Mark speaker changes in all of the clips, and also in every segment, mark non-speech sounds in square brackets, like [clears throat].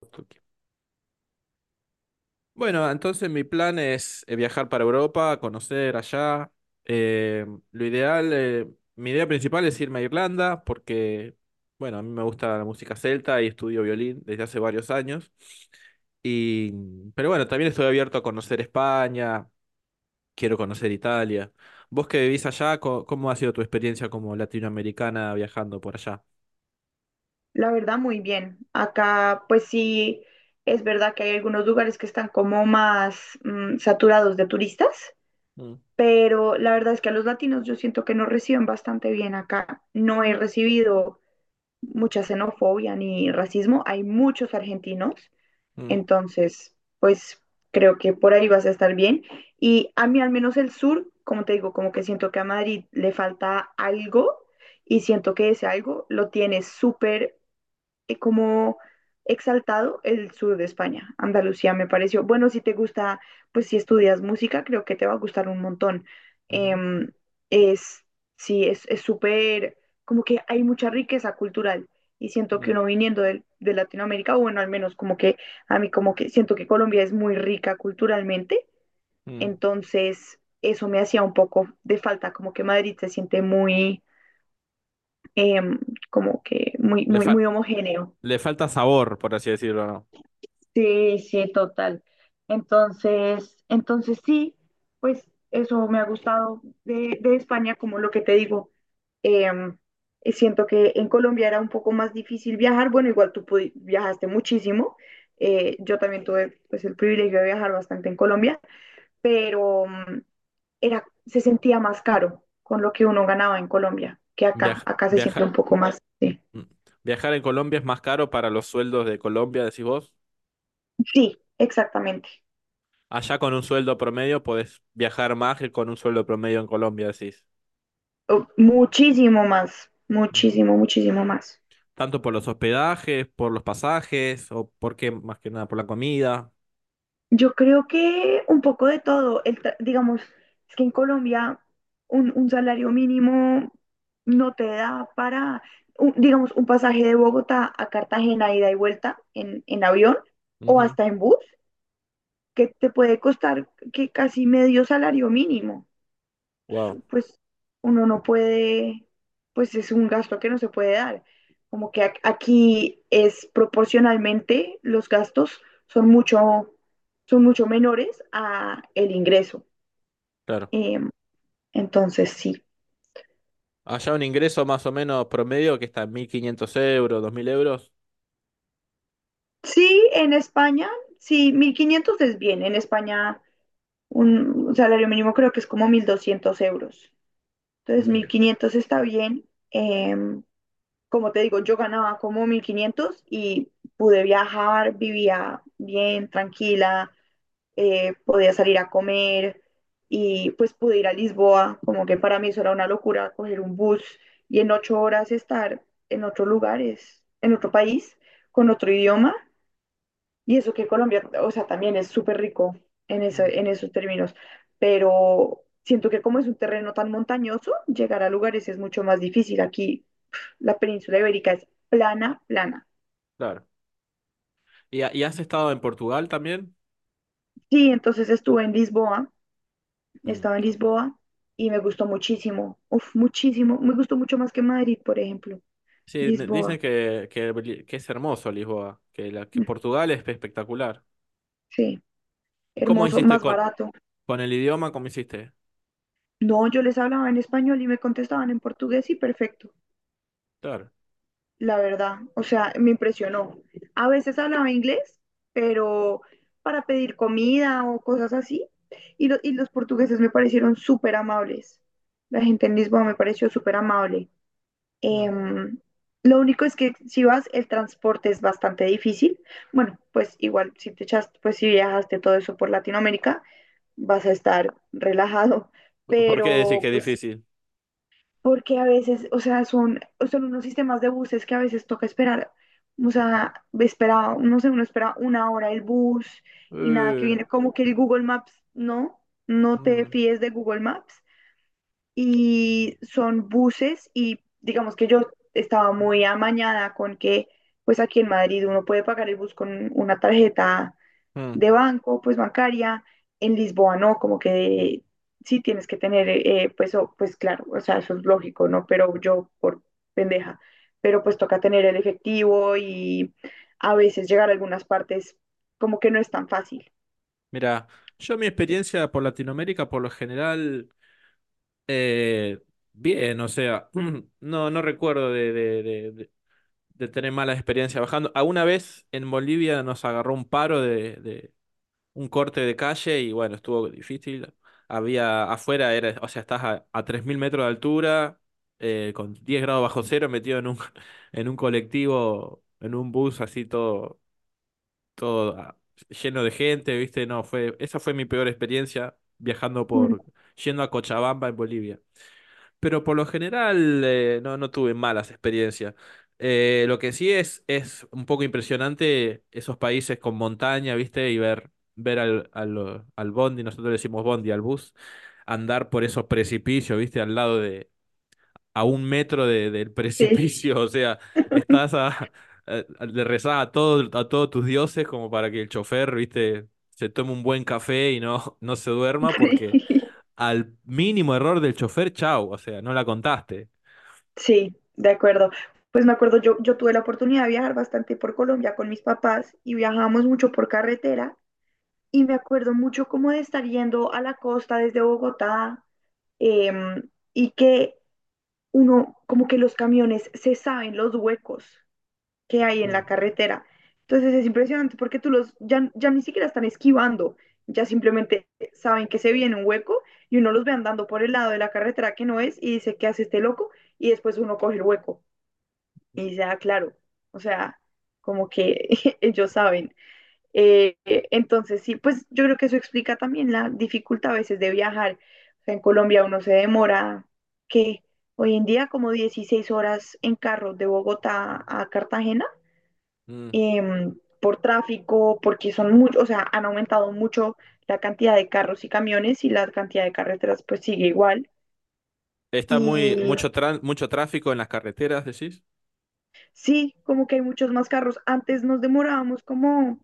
Speaker 1: Ok. Bueno, entonces mi plan es viajar para Europa, conocer allá. Eh, lo ideal, mi idea principal es irme a Irlanda porque, bueno, a mí me gusta la música celta y estudio violín desde hace varios años. Y, pero bueno, también estoy abierto a conocer España, quiero conocer Italia. Vos que vivís allá, ¿cómo ha sido tu experiencia como latinoamericana viajando por allá?
Speaker 2: La verdad, muy bien. Acá, pues sí, es verdad que hay algunos lugares que están como más saturados de turistas,
Speaker 1: Mm,
Speaker 2: pero la verdad es que a los latinos yo siento que nos reciben bastante bien acá. No he recibido mucha xenofobia ni racismo. Hay muchos argentinos,
Speaker 1: mm,
Speaker 2: entonces, pues creo que por ahí vas a estar bien. Y a mí al menos el sur, como te digo, como que siento que a Madrid le falta algo y siento que ese algo lo tiene súper como exaltado el sur de España. Andalucía me pareció, bueno, si te gusta, pues si estudias música, creo que te va a gustar un montón.
Speaker 1: ujú,
Speaker 2: Em, es, sí, es súper, como que hay mucha riqueza cultural y siento que
Speaker 1: mm,
Speaker 2: uno viniendo de Latinoamérica, o bueno, al menos como que a mí como que siento que Colombia es muy rica culturalmente,
Speaker 1: mm.
Speaker 2: entonces eso me hacía un poco de falta, como que Madrid se siente muy, em, como que muy,
Speaker 1: Le
Speaker 2: muy,
Speaker 1: fa-
Speaker 2: muy homogéneo.
Speaker 1: le falta sabor, por así decirlo, ¿no?
Speaker 2: Sí, sí, total. Entonces sí, pues eso me ha gustado de España, como lo que te digo. Em, y siento que en Colombia era un poco más difícil viajar. Bueno, igual tú viajaste muchísimo. Yo también tuve pues, el privilegio de viajar bastante en Colombia, pero era, se sentía más caro con lo que uno ganaba en Colombia que acá.
Speaker 1: Viaj-
Speaker 2: Acá se siente
Speaker 1: viaja-
Speaker 2: un poco más. Sí,
Speaker 1: mm. Viajar en Colombia es más caro para los sueldos de Colombia, decís vos.
Speaker 2: sí, exactamente.
Speaker 1: Allá con un sueldo promedio podés viajar más que con un sueldo promedio en Colombia, decís.
Speaker 2: Oh, muchísimo más,
Speaker 1: Ujú.
Speaker 2: muchísimo, muchísimo más.
Speaker 1: Tanto por los hospedajes, por los pasajes, o por qué, más que nada, por la comida.
Speaker 2: Yo creo que un poco de todo, digamos, es que en Colombia un salario mínimo no te da para, digamos, un pasaje de Bogotá a Cartagena, ida y vuelta en avión o hasta en bus, que te puede costar que casi medio salario mínimo.
Speaker 1: Wow,
Speaker 2: Pues uno no puede, pues es un gasto que no se puede dar. Como que aquí es proporcionalmente los gastos son mucho, son mucho menores a el ingreso.
Speaker 1: claro.
Speaker 2: Em, entonces sí.
Speaker 1: Allá un ingreso más o menos promedio que está en 1.500 euros, 2.000 euros.
Speaker 2: Sí, en España, sí, 1500 es bien. En España un salario mínimo creo que es como 1200 euros. Entonces mil
Speaker 1: Ujú.
Speaker 2: quinientos está bien. Como te digo, yo ganaba como 1500 y pude viajar, vivía bien, tranquila, podía salir a comer y pues pude ir a Lisboa, como que para mí eso era una locura, coger un bus y en 8 horas estar en otros lugares, en otro país, con otro idioma. Y eso que Colombia, o sea, también es súper rico
Speaker 1: Mm,
Speaker 2: en esos términos, pero siento que como es un terreno tan montañoso, llegar a lugares es mucho más difícil. Aquí la península ibérica es plana, plana.
Speaker 1: claro. ¿Y has estado en Portugal también?
Speaker 2: Sí, entonces estuve en Lisboa, estaba
Speaker 1: Mm.
Speaker 2: en Lisboa y me gustó muchísimo, uf, muchísimo, me gustó mucho más que Madrid, por ejemplo.
Speaker 1: Sí,
Speaker 2: Lisboa,
Speaker 1: dicen que es hermoso Lisboa, que
Speaker 2: mm,
Speaker 1: Portugal es espectacular.
Speaker 2: sí,
Speaker 1: ¿Y cómo
Speaker 2: hermoso,
Speaker 1: hiciste
Speaker 2: más
Speaker 1: con,
Speaker 2: barato.
Speaker 1: con el idioma? ¿Cómo hiciste?
Speaker 2: No, yo les hablaba en español y me contestaban en portugués y perfecto.
Speaker 1: Claro.
Speaker 2: La verdad. O sea, me impresionó. A veces hablaba inglés, pero para pedir comida o cosas así. Y los portugueses me parecieron súper amables. La gente en Lisboa me pareció súper amable.
Speaker 1: Mm.
Speaker 2: Em, lo único es que si vas, el transporte es bastante difícil. Bueno, pues igual si te echaste, pues si viajaste todo eso por Latinoamérica, vas a estar relajado.
Speaker 1: ¿Por qué decís
Speaker 2: Pero
Speaker 1: que es
Speaker 2: pues
Speaker 1: difícil?
Speaker 2: porque a veces, o sea, son unos sistemas de buses que a veces toca esperar, o sea, espera, no sé, uno espera una hora el bus y nada que
Speaker 1: Eh,
Speaker 2: viene, como que el Google Maps, no, no te
Speaker 1: mm,
Speaker 2: fíes de Google Maps y son buses y digamos que yo estaba muy amañada con que, pues aquí en Madrid uno puede pagar el bus con una tarjeta
Speaker 1: mm.
Speaker 2: de banco, pues bancaria. En Lisboa no, como que sí tienes que tener, pues, pues claro, o sea, eso es lógico, ¿no? Pero yo por pendeja, pero pues toca tener el efectivo y a veces llegar a algunas partes como que no es tan fácil.
Speaker 1: Mira, yo mi
Speaker 2: Entonces,
Speaker 1: experiencia por Latinoamérica por lo general, eh, bien, o sea, [clears throat] no, no recuerdo de tener malas experiencias bajando. Alguna vez en Bolivia nos agarró un paro un corte de calle y bueno, estuvo difícil. Había afuera, era, o sea, estás a 3.000 metros de altura, con 10 grados bajo cero, metido en un, [laughs] en un colectivo, en un bus así todo, todo lleno de gente, ¿viste? No, esa fue mi peor experiencia viajando
Speaker 2: mm,
Speaker 1: yendo a Cochabamba en Bolivia, pero por lo general no, no tuve malas experiencias. Lo que sí es un poco impresionante esos países con montaña, ¿viste? Y ver al bondi, nosotros le decimos bondi al bus, andar por esos precipicios, ¿viste? Al lado de, a un metro de, del [laughs]
Speaker 2: sí,
Speaker 1: precipicio, o sea, estás a, le rezás a todos tus dioses como para que el chofer, ¿viste? Se tome un buen café y no, [laughs] no se duerma porque
Speaker 2: [laughs] sí,
Speaker 1: al mínimo error del chofer, chau, o sea, no la contaste.
Speaker 2: sí, de acuerdo. Pues me acuerdo, yo tuve la oportunidad de viajar bastante por Colombia con mis papás y viajamos mucho por carretera y me acuerdo mucho como de estar yendo a la costa desde Bogotá eh, y que uno, como que los camiones se saben los huecos que hay en la
Speaker 1: Mm,
Speaker 2: carretera. Entonces es impresionante porque tú los ya ni siquiera están esquivando, ya simplemente saben que se viene un hueco y uno los ve andando por el lado de la carretera que no es y dice, ¿qué hace este loco? Y después uno coge el hueco y dice, ah, claro, o sea, como que [laughs] ellos saben. Entonces, sí, pues yo creo que eso explica también la dificultad a veces de viajar. O sea, en Colombia uno se demora, que hoy en día como 16 horas en carro de Bogotá a Cartagena,
Speaker 1: mm.
Speaker 2: por tráfico, porque son muchos, o sea, han aumentado mucho la cantidad de carros y camiones y la cantidad de carreteras pues sigue igual.
Speaker 1: Está
Speaker 2: Y
Speaker 1: mucho tráfico en las carreteras, decís.
Speaker 2: sí, como que hay muchos más carros. Antes nos demorábamos como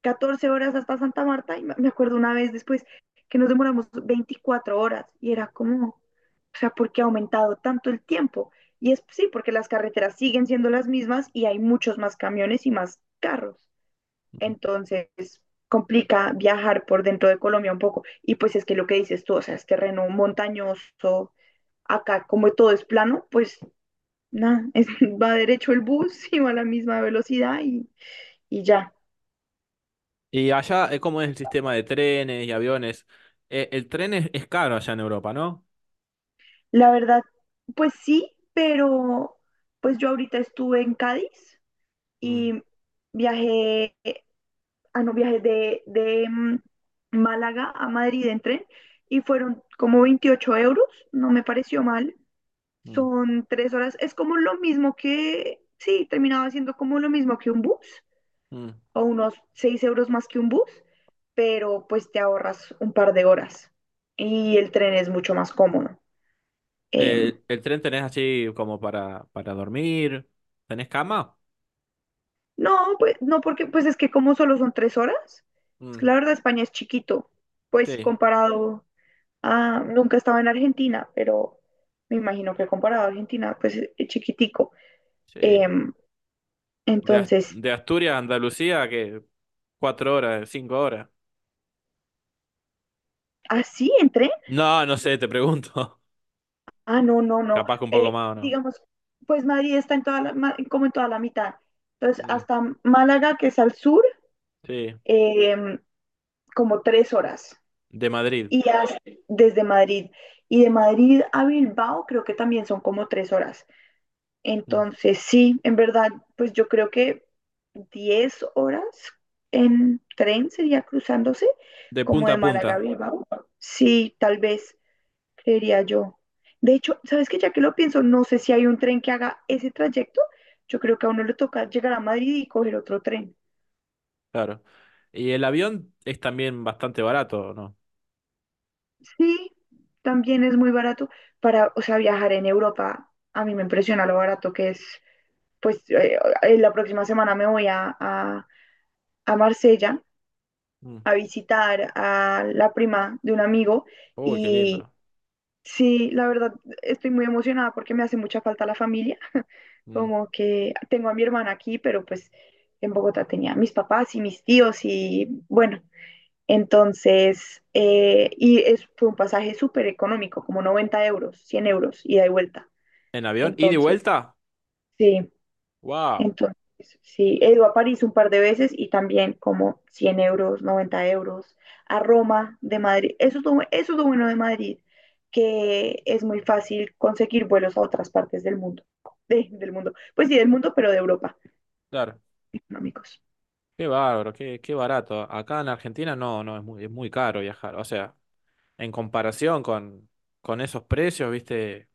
Speaker 2: 14 horas hasta Santa Marta y me acuerdo una vez después que nos demoramos 24 horas y era como, o sea, ¿por qué ha aumentado tanto el tiempo? Y es sí, porque las carreteras siguen siendo las mismas y hay muchos más camiones y más carros.
Speaker 1: Mm.
Speaker 2: Entonces, complica viajar por dentro de Colombia un poco. Y pues es que lo que dices tú, o sea, es terreno montañoso, acá como todo es plano, pues nada, [laughs] va derecho el bus y va a la misma velocidad y ya.
Speaker 1: Y allá, ¿cómo es el sistema de trenes y aviones? El tren es caro allá en Europa, ¿no?
Speaker 2: La verdad, pues sí, pero pues yo ahorita estuve en Cádiz
Speaker 1: Mm,
Speaker 2: y viajé, ah, no, viajé de Málaga a Madrid en tren y fueron como 28 euros, no me pareció mal.
Speaker 1: mm,
Speaker 2: Son 3 horas, es como lo mismo que, sí, terminaba siendo como lo mismo que un bus
Speaker 1: mm.
Speaker 2: o unos 6 euros más que un bus, pero pues te ahorras un par de horas y el tren es mucho más cómodo. em,
Speaker 1: ¿El tren tenés así como para dormir? ¿Tenés cama?
Speaker 2: No, pues no, porque pues es que como solo son 3 horas, es que
Speaker 1: Mm,
Speaker 2: la verdad España es chiquito, pues
Speaker 1: sí,
Speaker 2: comparado a, nunca estaba en Argentina, pero me imagino que comparado a Argentina, pues es chiquitico.
Speaker 1: sí.
Speaker 2: Em,
Speaker 1: De, As-
Speaker 2: entonces,
Speaker 1: de Asturias a Andalucía, que 4 horas, 5 horas.
Speaker 2: ¿así entré?
Speaker 1: No, no sé, te pregunto.
Speaker 2: Ah, no, no,
Speaker 1: [laughs]
Speaker 2: no.
Speaker 1: Capaz que un poco más o no.
Speaker 2: Digamos, pues Madrid está en toda la, ma- como en toda la mitad. Entonces,
Speaker 1: Mm,
Speaker 2: hasta Málaga, que es al sur,
Speaker 1: sí,
Speaker 2: em, como 3 horas.
Speaker 1: de Madrid.
Speaker 2: y hasta- desde Madrid. Y de Madrid a Bilbao creo que también son como 3 horas.
Speaker 1: Mm.
Speaker 2: Entonces, sí, en verdad, pues yo creo que 10 horas en tren sería cruzándose,
Speaker 1: De
Speaker 2: como
Speaker 1: punta
Speaker 2: de
Speaker 1: a
Speaker 2: Málaga a
Speaker 1: punta.
Speaker 2: Bilbao. Sí, tal vez, creería yo. De hecho, ¿sabes qué? Ya que lo pienso, no sé si hay un tren que haga ese trayecto. Yo creo que a uno le toca llegar a Madrid y coger otro tren.
Speaker 1: Claro. Y el avión es también bastante barato, ¿no?
Speaker 2: Sí, también es muy barato para, o sea, viajar en Europa. A mí me impresiona lo barato que es. Pues la próxima semana me voy a Marsella
Speaker 1: Mm.
Speaker 2: a visitar a la prima de un amigo
Speaker 1: Uy, qué
Speaker 2: y
Speaker 1: lindo.
Speaker 2: sí, la verdad estoy muy emocionada porque me hace mucha falta la familia.
Speaker 1: Mm.
Speaker 2: Como que tengo a mi hermana aquí, pero pues en Bogotá tenía a mis papás y mis tíos y bueno, entonces, y fue un pasaje súper económico, como 90 euros, 100 euros, ida y vuelta.
Speaker 1: ¿En avión? ¿Y de
Speaker 2: Entonces,
Speaker 1: vuelta?
Speaker 2: sí,
Speaker 1: ¡Wow!
Speaker 2: entonces, sí, he ido a París un par de veces y también como 100 euros, 90 euros, a Roma de Madrid. Eso es lo bueno de Madrid, que es muy fácil conseguir vuelos a otras partes del mundo, del mundo, pues sí, del mundo, pero de Europa,
Speaker 1: Claro.
Speaker 2: económicos.
Speaker 1: Qué bárbaro, qué barato. Acá en Argentina no, no, es muy caro viajar. O sea, en comparación con esos precios, viste,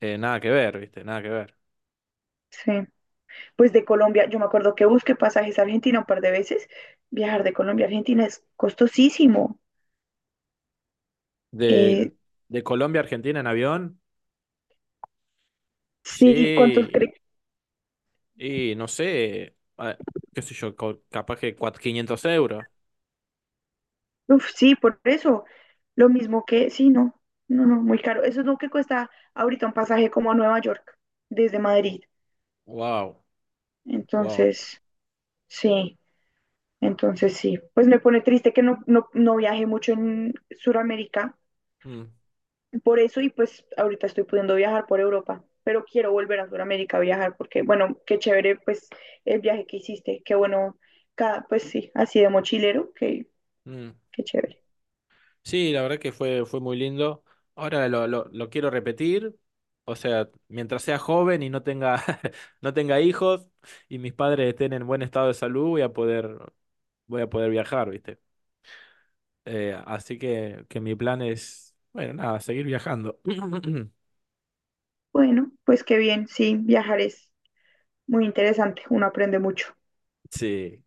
Speaker 1: nada que ver, viste, nada que ver.
Speaker 2: Sí. Pues de Colombia, yo me acuerdo que busqué pasajes a Argentina un par de veces. Viajar de Colombia a Argentina es costosísimo. Eh,
Speaker 1: De, de Colombia a Argentina en avión,
Speaker 2: sí, ¿cuántos
Speaker 1: sí.
Speaker 2: crees?
Speaker 1: Y no sé, qué sé yo, capaz que cuatro 500 euros.
Speaker 2: Uf, sí, por eso. Lo mismo que, sí, no, no, no, muy caro. Eso es lo que cuesta ahorita un pasaje como a Nueva York, desde Madrid.
Speaker 1: ¡Wow! ¡Wow!
Speaker 2: Entonces, sí, entonces, sí. Pues me pone triste que no viaje mucho en Sudamérica,
Speaker 1: Mm,
Speaker 2: por eso, y pues ahorita estoy pudiendo viajar por Europa, pero quiero volver a Sudamérica a viajar porque, bueno, qué chévere, pues el viaje que hiciste, qué bueno, cada, pues sí, así de mochilero, qué,
Speaker 1: mm.
Speaker 2: qué chévere.
Speaker 1: Sí, la verdad que fue muy lindo. Ahora lo quiero repetir. O sea, mientras sea joven y no tenga, [laughs] no tenga hijos y mis padres estén en buen estado de salud, voy a poder viajar, ¿viste? Así que mi plan es, bueno, nada, seguir viajando. [clears throat]
Speaker 2: Bueno, pues qué bien, sí, viajar es muy interesante, uno aprende mucho.
Speaker 1: Sí.